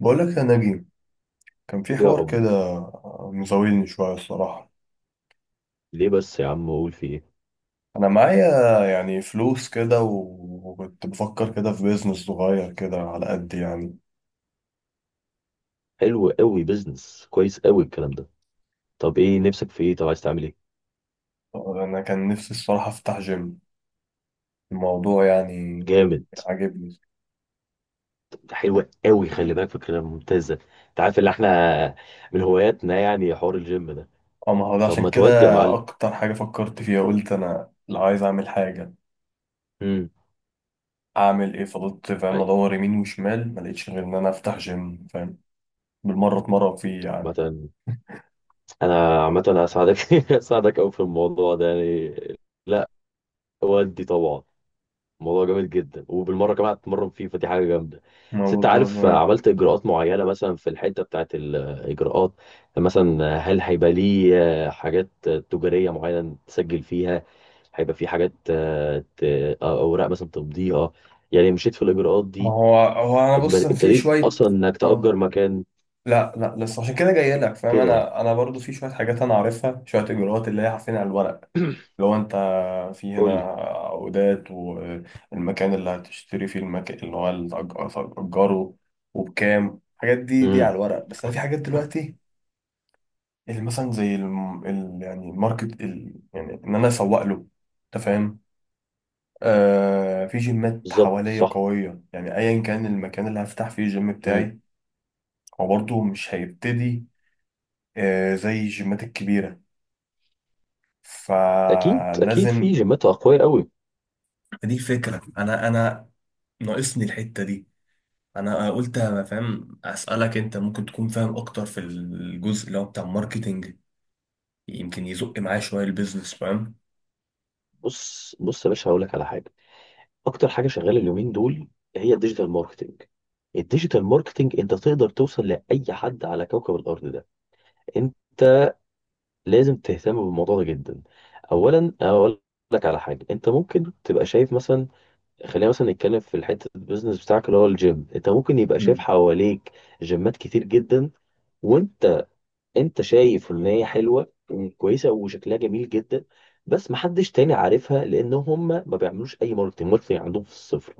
بقول لك يا نجيب، كان في يا حوار حب، كده مزاولني شوية الصراحة. ليه بس يا عم؟ اقول في ايه؟ أنا معايا يعني فلوس كده و- وكنت بفكر كده في بيزنس صغير كده على قد يعني. حلو قوي، بيزنس كويس قوي الكلام ده. طب ايه نفسك في ايه؟ طب عايز تعمل ايه؟ أنا كان نفسي الصراحة أفتح جيم. الموضوع يعني جامد. عاجبني. ده حلوة قوي، خلي بالك فكرة ممتازة. انت عارف اللي احنا من هواياتنا يعني حوار الجيم ده. أه، ما هو ده طب ما عشان كده تودي يا معلم. أكتر حاجة فكرت فيها. قلت أنا لو عايز أعمل حاجة امم. أعمل إيه؟ فضلت فاهم أدور يمين وشمال ما لقيتش غير إن أنا أفتح جيم، فاهم؟ بالمرة أتمرن فيه يعني. عامة عامة هساعدك هساعدك قوي في الموضوع ده يعني. لا، ودي طبعا. الموضوع جامد جدا، وبالمره كمان هتتمرن فيه، فدي حاجه جامده. ما بس انت عارف، بالظبط. عملت اجراءات معينه مثلا في الحته بتاعت الاجراءات. مثلا هل هيبقى ليه حاجات تجاريه معينه تسجل فيها؟ هيبقى في حاجات اوراق مثلا تمضيها. يعني مشيت في الاجراءات ما دي؟ هو هو انا بص، أنا في ابتديت شويه. اصلا انك اه. تأجر مكان لا لا لسه، عشان كده جاي لك، فاهم؟ كده يعني؟ انا برضو في شويه حاجات انا عارفها، شويه اجراءات اللي هي عارفين، على الورق. لو انت في قول هنا لي. عقودات والمكان اللي هتشتري فيه، المكان اللي هو اللي هتأجره وبكام، الحاجات دي دي امم. على الورق. بس انا في حاجات دلوقتي اللي مثلا زي يعني الماركت يعني ان انا اسوق له، انت فاهم؟ آه، في جيمات بالظبط، حواليا صح. قويه، يعني ايا كان المكان اللي هفتح فيه الجيم امم. بتاعي هو برضه مش هيبتدي زي الجيمات الكبيرة، اكيد اكيد، في فلازم. جيمات اقوياء قوي. دي فكرة، أنا ناقصني الحتة دي. أنا قلت أنا فاهم أسألك، أنت ممكن تكون فاهم أكتر في الجزء اللي هو بتاع الماركتينج، يمكن يزق معايا شوية البيزنس، فاهم؟ بص بص يا باشا، هقول لك على حاجه. اكتر حاجه شغاله اليومين دول هي الديجيتال ماركتنج. الديجيتال ماركتنج انت تقدر توصل لاي حد على كوكب الارض ده. انت لازم تهتم بالموضوع ده جدا. اولا اقول لك على حاجه، انت ممكن تبقى شايف مثلا، خلينا مثلا نتكلم في الحته البيزنس بتاعك اللي هو الجيم. انت ممكن يبقى شايف مم. حواليك جيمات كتير جدا، وانت شايف ان هي حلوه وكويسه وشكلها جميل جدا، بس محدش تاني عارفها لان هم ما بيعملوش اي ماركتنج. ماركتنج عندهم في الصفر.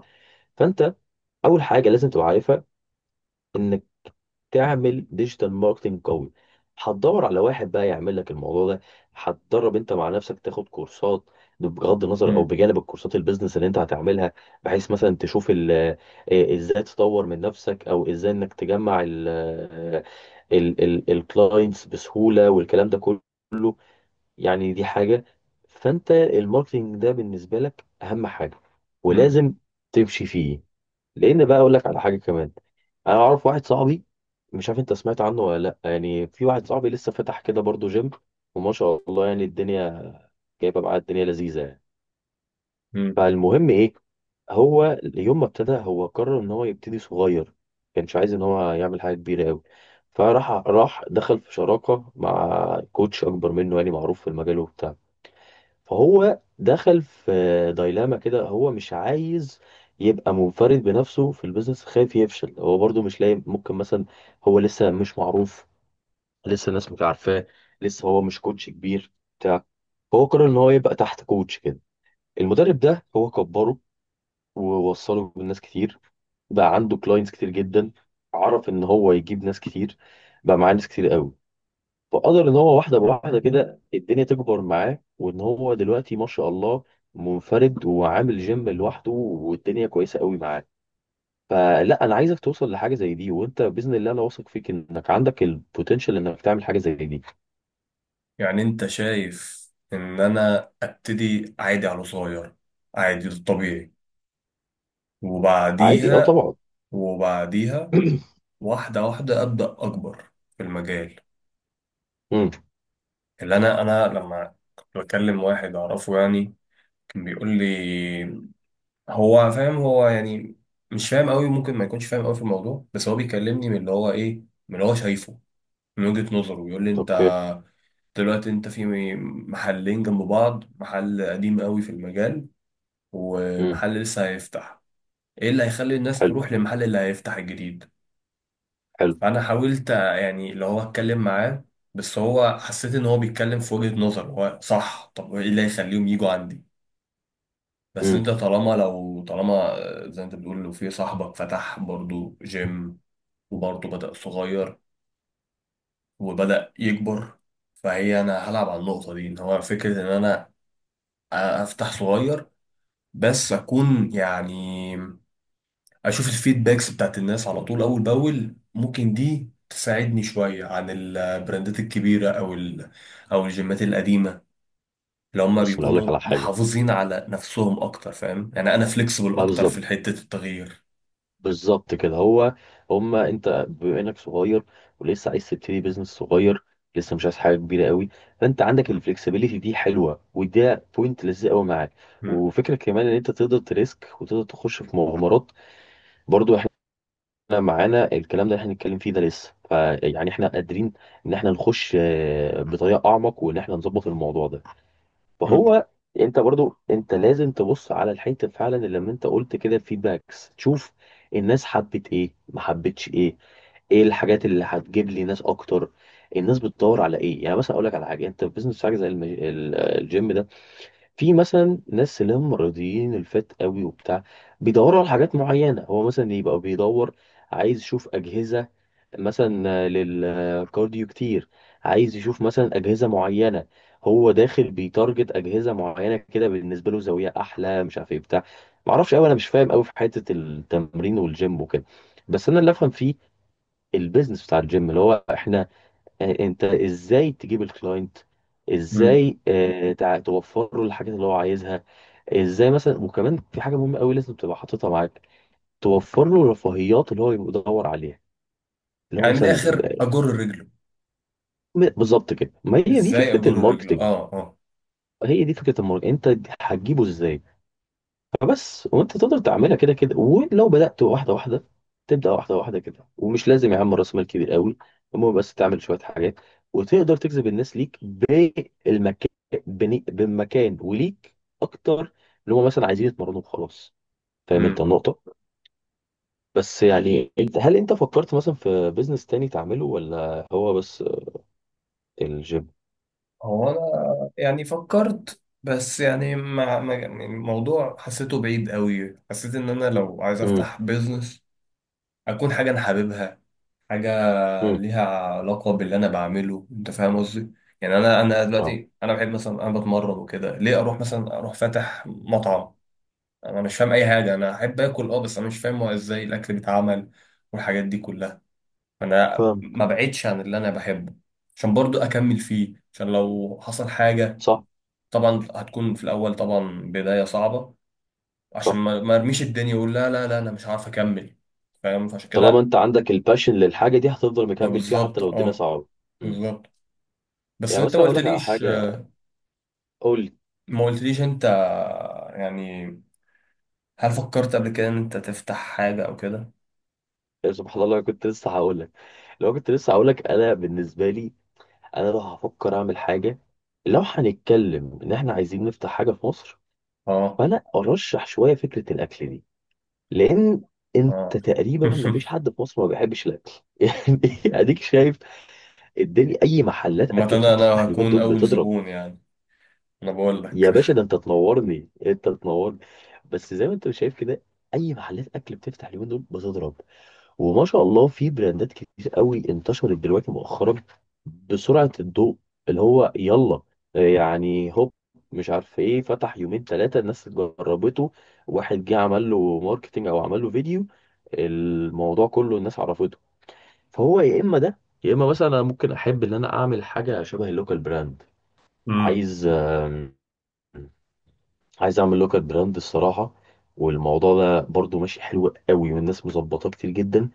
فانت اول حاجه لازم تبقى عارفها، انك تعمل ديجيتال ماركتنج قوي. هتدور على واحد بقى يعمل لك الموضوع ده، هتدرب انت مع نفسك، تاخد كورسات، بغض النظر، او مم. بجانب الكورسات البيزنس اللي انت هتعملها، بحيث مثلا تشوف ازاي تطور من نفسك، او ازاي انك تجمع الكلاينتس بسهوله والكلام ده كله. يعني دي حاجه. فانت الماركتنج ده بالنسبه لك اهم حاجه، مم. ولازم تمشي فيه. لان بقى اقول لك على حاجه كمان، انا اعرف واحد صاحبي، مش عارف انت سمعت عنه ولا لا، يعني في واحد صاحبي لسه فتح كده برضه جيم، وما شاء الله يعني الدنيا جايبه معاه، الدنيا لذيذه يعني. مم. فالمهم ايه، هو يوم ما ابتدى، هو قرر ان هو يبتدي صغير، كانش عايز ان هو يعمل حاجه كبيره قوي. فراح دخل في شراكه مع كوتش اكبر منه، يعني معروف في المجال وبتاع. فهو دخل في دايلاما كده، هو مش عايز يبقى منفرد بنفسه في البيزنس، خايف يفشل، هو برضو مش لاقي ممكن مثلا، هو لسه مش معروف، لسه الناس مش عارفاه، لسه هو مش كوتش كبير بتاع. هو قرر ان هو يبقى تحت كوتش كده، المدرب ده هو كبره ووصله بالناس كتير، بقى عنده كلاينتس كتير جدا، عرف ان هو يجيب ناس كتير، بقى معاه ناس كتير قوي، فقدر ان هو واحده بواحده كده الدنيا تكبر معاه، وان هو دلوقتي ما شاء الله منفرد وعامل جيم لوحده، والدنيا كويسه قوي معاه. فلا، انا عايزك توصل لحاجه زي دي، وانت باذن الله انا واثق فيك انك عندك البوتنشال انك تعمل حاجه زي دي. يعني أنت شايف إن أنا أبتدي عادي على صغير، عادي الطبيعي، عادي، اه وبعديها طبعا. وبعديها واحدة واحدة أبدأ أكبر في المجال. امم. اللي انا، لما كنت بكلم واحد اعرفه يعني، كان بيقول لي، هو فاهم هو يعني مش فاهم قوي، ممكن ما يكونش فاهم قوي في الموضوع، بس هو بيكلمني من اللي هو ايه، من اللي هو شايفه، من وجهة نظره. بيقول لي انت اوكي. دلوقتي انت في محلين جنب بعض، محل قديم قوي في المجال امم. ومحل لسه هيفتح، ايه اللي هيخلي الناس حلو تروح للمحل اللي هيفتح الجديد؟ حلو. فانا حاولت يعني اللي هو اتكلم معاه، بس هو حسيت ان هو بيتكلم في وجهة نظر هو صح، طب ايه اللي هيخليهم يجوا عندي؟ بس امم. انت طالما، لو طالما، زي انت بتقول لو في صاحبك فتح برضو جيم وبرضو بدأ صغير وبدأ يكبر، فهي انا هلعب على النقطة دي، ان هو فكرة ان انا افتح صغير بس اكون يعني اشوف الفيدباكس بتاعت الناس على طول اول باول، ممكن دي تساعدني شوية عن البراندات الكبيرة او او الجيمات القديمة اللي هم بص، انا اقول لك بيكونوا على حاجه. محافظين على نفسهم اكتر، فاهم؟ يعني انا فليكسبل ما اكتر بالظبط، في حتة التغيير. بالظبط كده هو. هما انت بما انك صغير ولسه عايز تبتدي بيزنس صغير، لسه مش عايز حاجه كبيره قوي، فانت عندك الفلكسبيليتي دي حلوه، وده بوينت لذيذ قوي معاك. وفكره كمان ان انت تقدر تريسك وتقدر تخش في مغامرات. برضو احنا معانا الكلام ده اللي احنا هنتكلم فيه ده لسه، فيعني احنا قادرين ان احنا نخش بطريقه اعمق، وان احنا نظبط الموضوع ده مم. وهو. انت برضو لازم تبص على الحته فعلا، اللي لما انت قلت كده الفيدباكس، تشوف الناس حبت ايه ما حبتش ايه، ايه الحاجات اللي هتجيب لي ناس اكتر، الناس بتدور على ايه. يعني مثلا اقول لك على حاجه، انت في بيزنس حاجه زي الجيم ده، في مثلا ناس اللي هم رياضيين الفات قوي وبتاع، بيدوروا على حاجات معينة. هو مثلا يبقى بيدور، عايز يشوف أجهزة مثلا للكارديو كتير، عايز يشوف مثلا أجهزة معينة. هو داخل بيتارجت أجهزة معينة، كده بالنسبة له زاوية أحلى، مش عارف إيه بتاع. معرفش أوي، أنا مش فاهم أوي في حتة التمرين والجيم وكده، بس أنا اللي أفهم فيه البيزنس بتاع الجيم، اللي هو إحنا يعني أنت إزاي تجيب الكلاينت، مم. ازاي توفر له الحاجات اللي هو عايزها، ازاي مثلا. وكمان في حاجه مهمه قوي لازم تبقى حاططها معاك، توفر له الرفاهيات اللي هو بيدور عليها، اللي هو يعني من مثلا الاخر اجر رجله. بالظبط كده. ما هي دي ازاي فكره اجر رجله؟ الماركتنج، اه اه. هي دي فكره الماركتنج. انت هتجيبه ازاي؟ فبس، وانت تقدر تعملها كده كده، ولو بدات واحده واحده، تبدا واحده واحده كده، ومش لازم يا عم راس مال كبير قوي. المهم بس تعمل شويه حاجات، وتقدر تجذب الناس ليك بالمكان، بالمكان وليك اكتر، اللي هم مثلا عايزين يتمرنوا وخلاص. فاهم انت مم. النقطه؟ بس يعني هل انت فكرت مثلا في بيزنس تاني تعمله ولا هو بس الجيم؟ هو انا يعني فكرت، بس يعني يعني الموضوع حسيته بعيد قوي، حسيت ان انا لو عايز امم. افتح بيزنس اكون حاجه انا حاببها، حاجه امم. ليها علاقه باللي انا بعمله، انت فاهم قصدي؟ يعني انا اه. دلوقتي انا بحب مثلا، انا بتمرن وكده، ليه اروح مثلا اروح فاتح مطعم؟ انا مش فاهم اي حاجه. انا احب اكل اه، بس انا مش فاهم هو ازاي الاكل بيتعمل والحاجات دي كلها. انا فاهم. ما بعدش عن اللي انا بحبه عشان برضو اكمل فيه، عشان لو حصل حاجة، صح. طبعا هتكون في الاول طبعا بداية صعبة، عشان صح. ما ارميش الدنيا واقول لا لا لا انا مش عارف اكمل، فاهم؟ فعشان طالما كده انت عندك الباشن للحاجه دي، هتفضل ما مكمل فيها حتى بالظبط لو الدنيا اه، صعبه. امم. بالظبط. بس يعني انت ما مثلا اقول لك على قلتليش، حاجه. قول. ما قلتليش انت يعني، هل فكرت قبل كده ان انت تفتح حاجة او كده؟ سبحان الله، كنت لسه هقول لك. لو كنت لسه هقول لك، انا بالنسبه لي، انا لو هفكر اعمل حاجه، لو هنتكلم ان احنا عايزين نفتح حاجه في مصر، اه فانا ارشح شويه فكره الاكل دي، لان اه. انت تقريبا ما فيش حد في مصر ما بيحبش الاكل. يعني اديك شايف الدنيا، اي محلات عامة اكل أنا بتفتح اليومين هكون دول اول بتضرب. زبون يعني، انا بقول يا لك. باشا، ده انت تنورني انت تنورني. بس زي ما انت شايف كده، اي محلات اكل بتفتح اليومين دول بتضرب، وما شاء الله في براندات كتير قوي انتشرت دلوقتي مؤخرا بسرعة الضوء، اللي هو يلا، يعني هوب، مش عارف ايه، فتح يومين ثلاثة الناس جربته، واحد جه عمل له ماركتينج او عمل له فيديو، الموضوع كله الناس عرفته. فهو يا اما ده، يا اما مثلا انا ممكن احب ان انا اعمل حاجة شبه اللوكال براند. امم، عايز آم، عايز اعمل لوكال براند الصراحة، والموضوع ده برضو ماشي حلو قوي، والناس مظبطاه كتير جدا.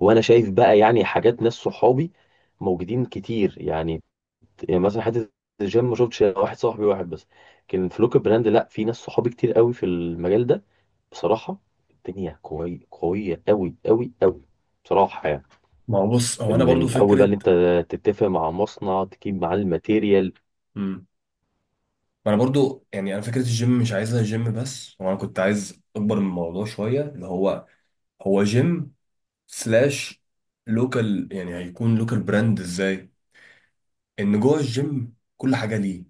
وانا شايف بقى يعني حاجات، ناس صحابي موجودين كتير يعني. يعني مثلا حته الجيم، ما شفتش واحد صاحبي، واحد بس، لكن في لوكال براند لا، في ناس صحابي كتير قوي في المجال ده بصراحه. الدنيا قوي، قويه قوي قوي قوي بصراحه، يعني ما هو بص، هو انا برضو من اول بقى فكرة. اللي انت تتفق مع مصنع تجيب معاه الماتيريال. مم. ما انا برضو يعني انا فكره الجيم مش عايزها جيم بس، وانا كنت عايز اكبر من الموضوع شويه، اللي هو هو جيم سلاش لوكال، يعني هيكون لوكال براند ازاي؟ ان جوه الجيم كل حاجه ليه،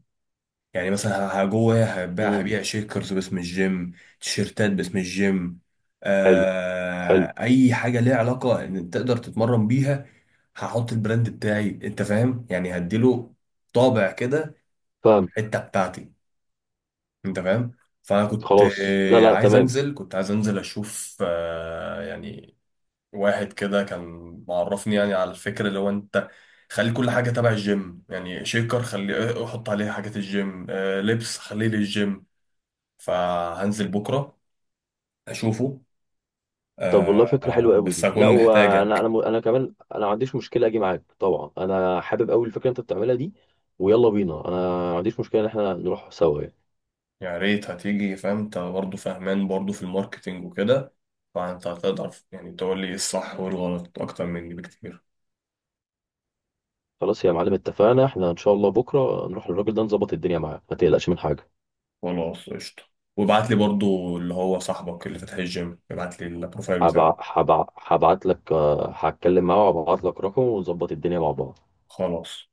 يعني مثلا جوه امم. هبيع شيكرز باسم الجيم، تيشيرتات باسم الجيم، حلو حلو. آه، اي حاجه ليها علاقه ان تقدر تتمرن بيها. هحط البراند بتاعي، انت فاهم يعني؟ هديله طابع كده، فاهم. حته بتاعتي، انت فاهم؟ فانا كنت خلاص، لا لا، عايز تمام. انزل، كنت عايز انزل اشوف، يعني واحد كده كان معرفني يعني على الفكره، اللي هو انت خلي كل حاجه تبع الجيم، يعني شيكر خلي احط عليه حاجات الجيم، لبس خليه للجيم. فهنزل بكره اشوفه، طب والله فكرة حلوة قوي بس دي، لا هكون وانا محتاجك. انا انا كمان انا ما عنديش مشكلة اجي معاك طبعا، انا حابب قوي الفكرة اللي انت بتعملها دي، ويلا بينا، انا ما عنديش مشكلة ان احنا نروح سوا يعني. يا ريت هتيجي، فاهم؟ انت برضه فاهمان برضه في الماركتينج وكده، فانت هتقدر يعني تقول لي إيه الصح والغلط اكتر مني بكتير. خلاص يا معلم اتفقنا، احنا ان شاء الله بكرة نروح للراجل ده نظبط الدنيا معاه، ما تقلقش من حاجة. خلاص قشطة، وابعت لي برضو اللي هو صاحبك اللي فاتح الجيم، ابعت لي البروفايل بتاعه. هبعت لك، هتكلم معاه وهبعت لك رقمه، ونظبط الدنيا مع بعض. خلاص.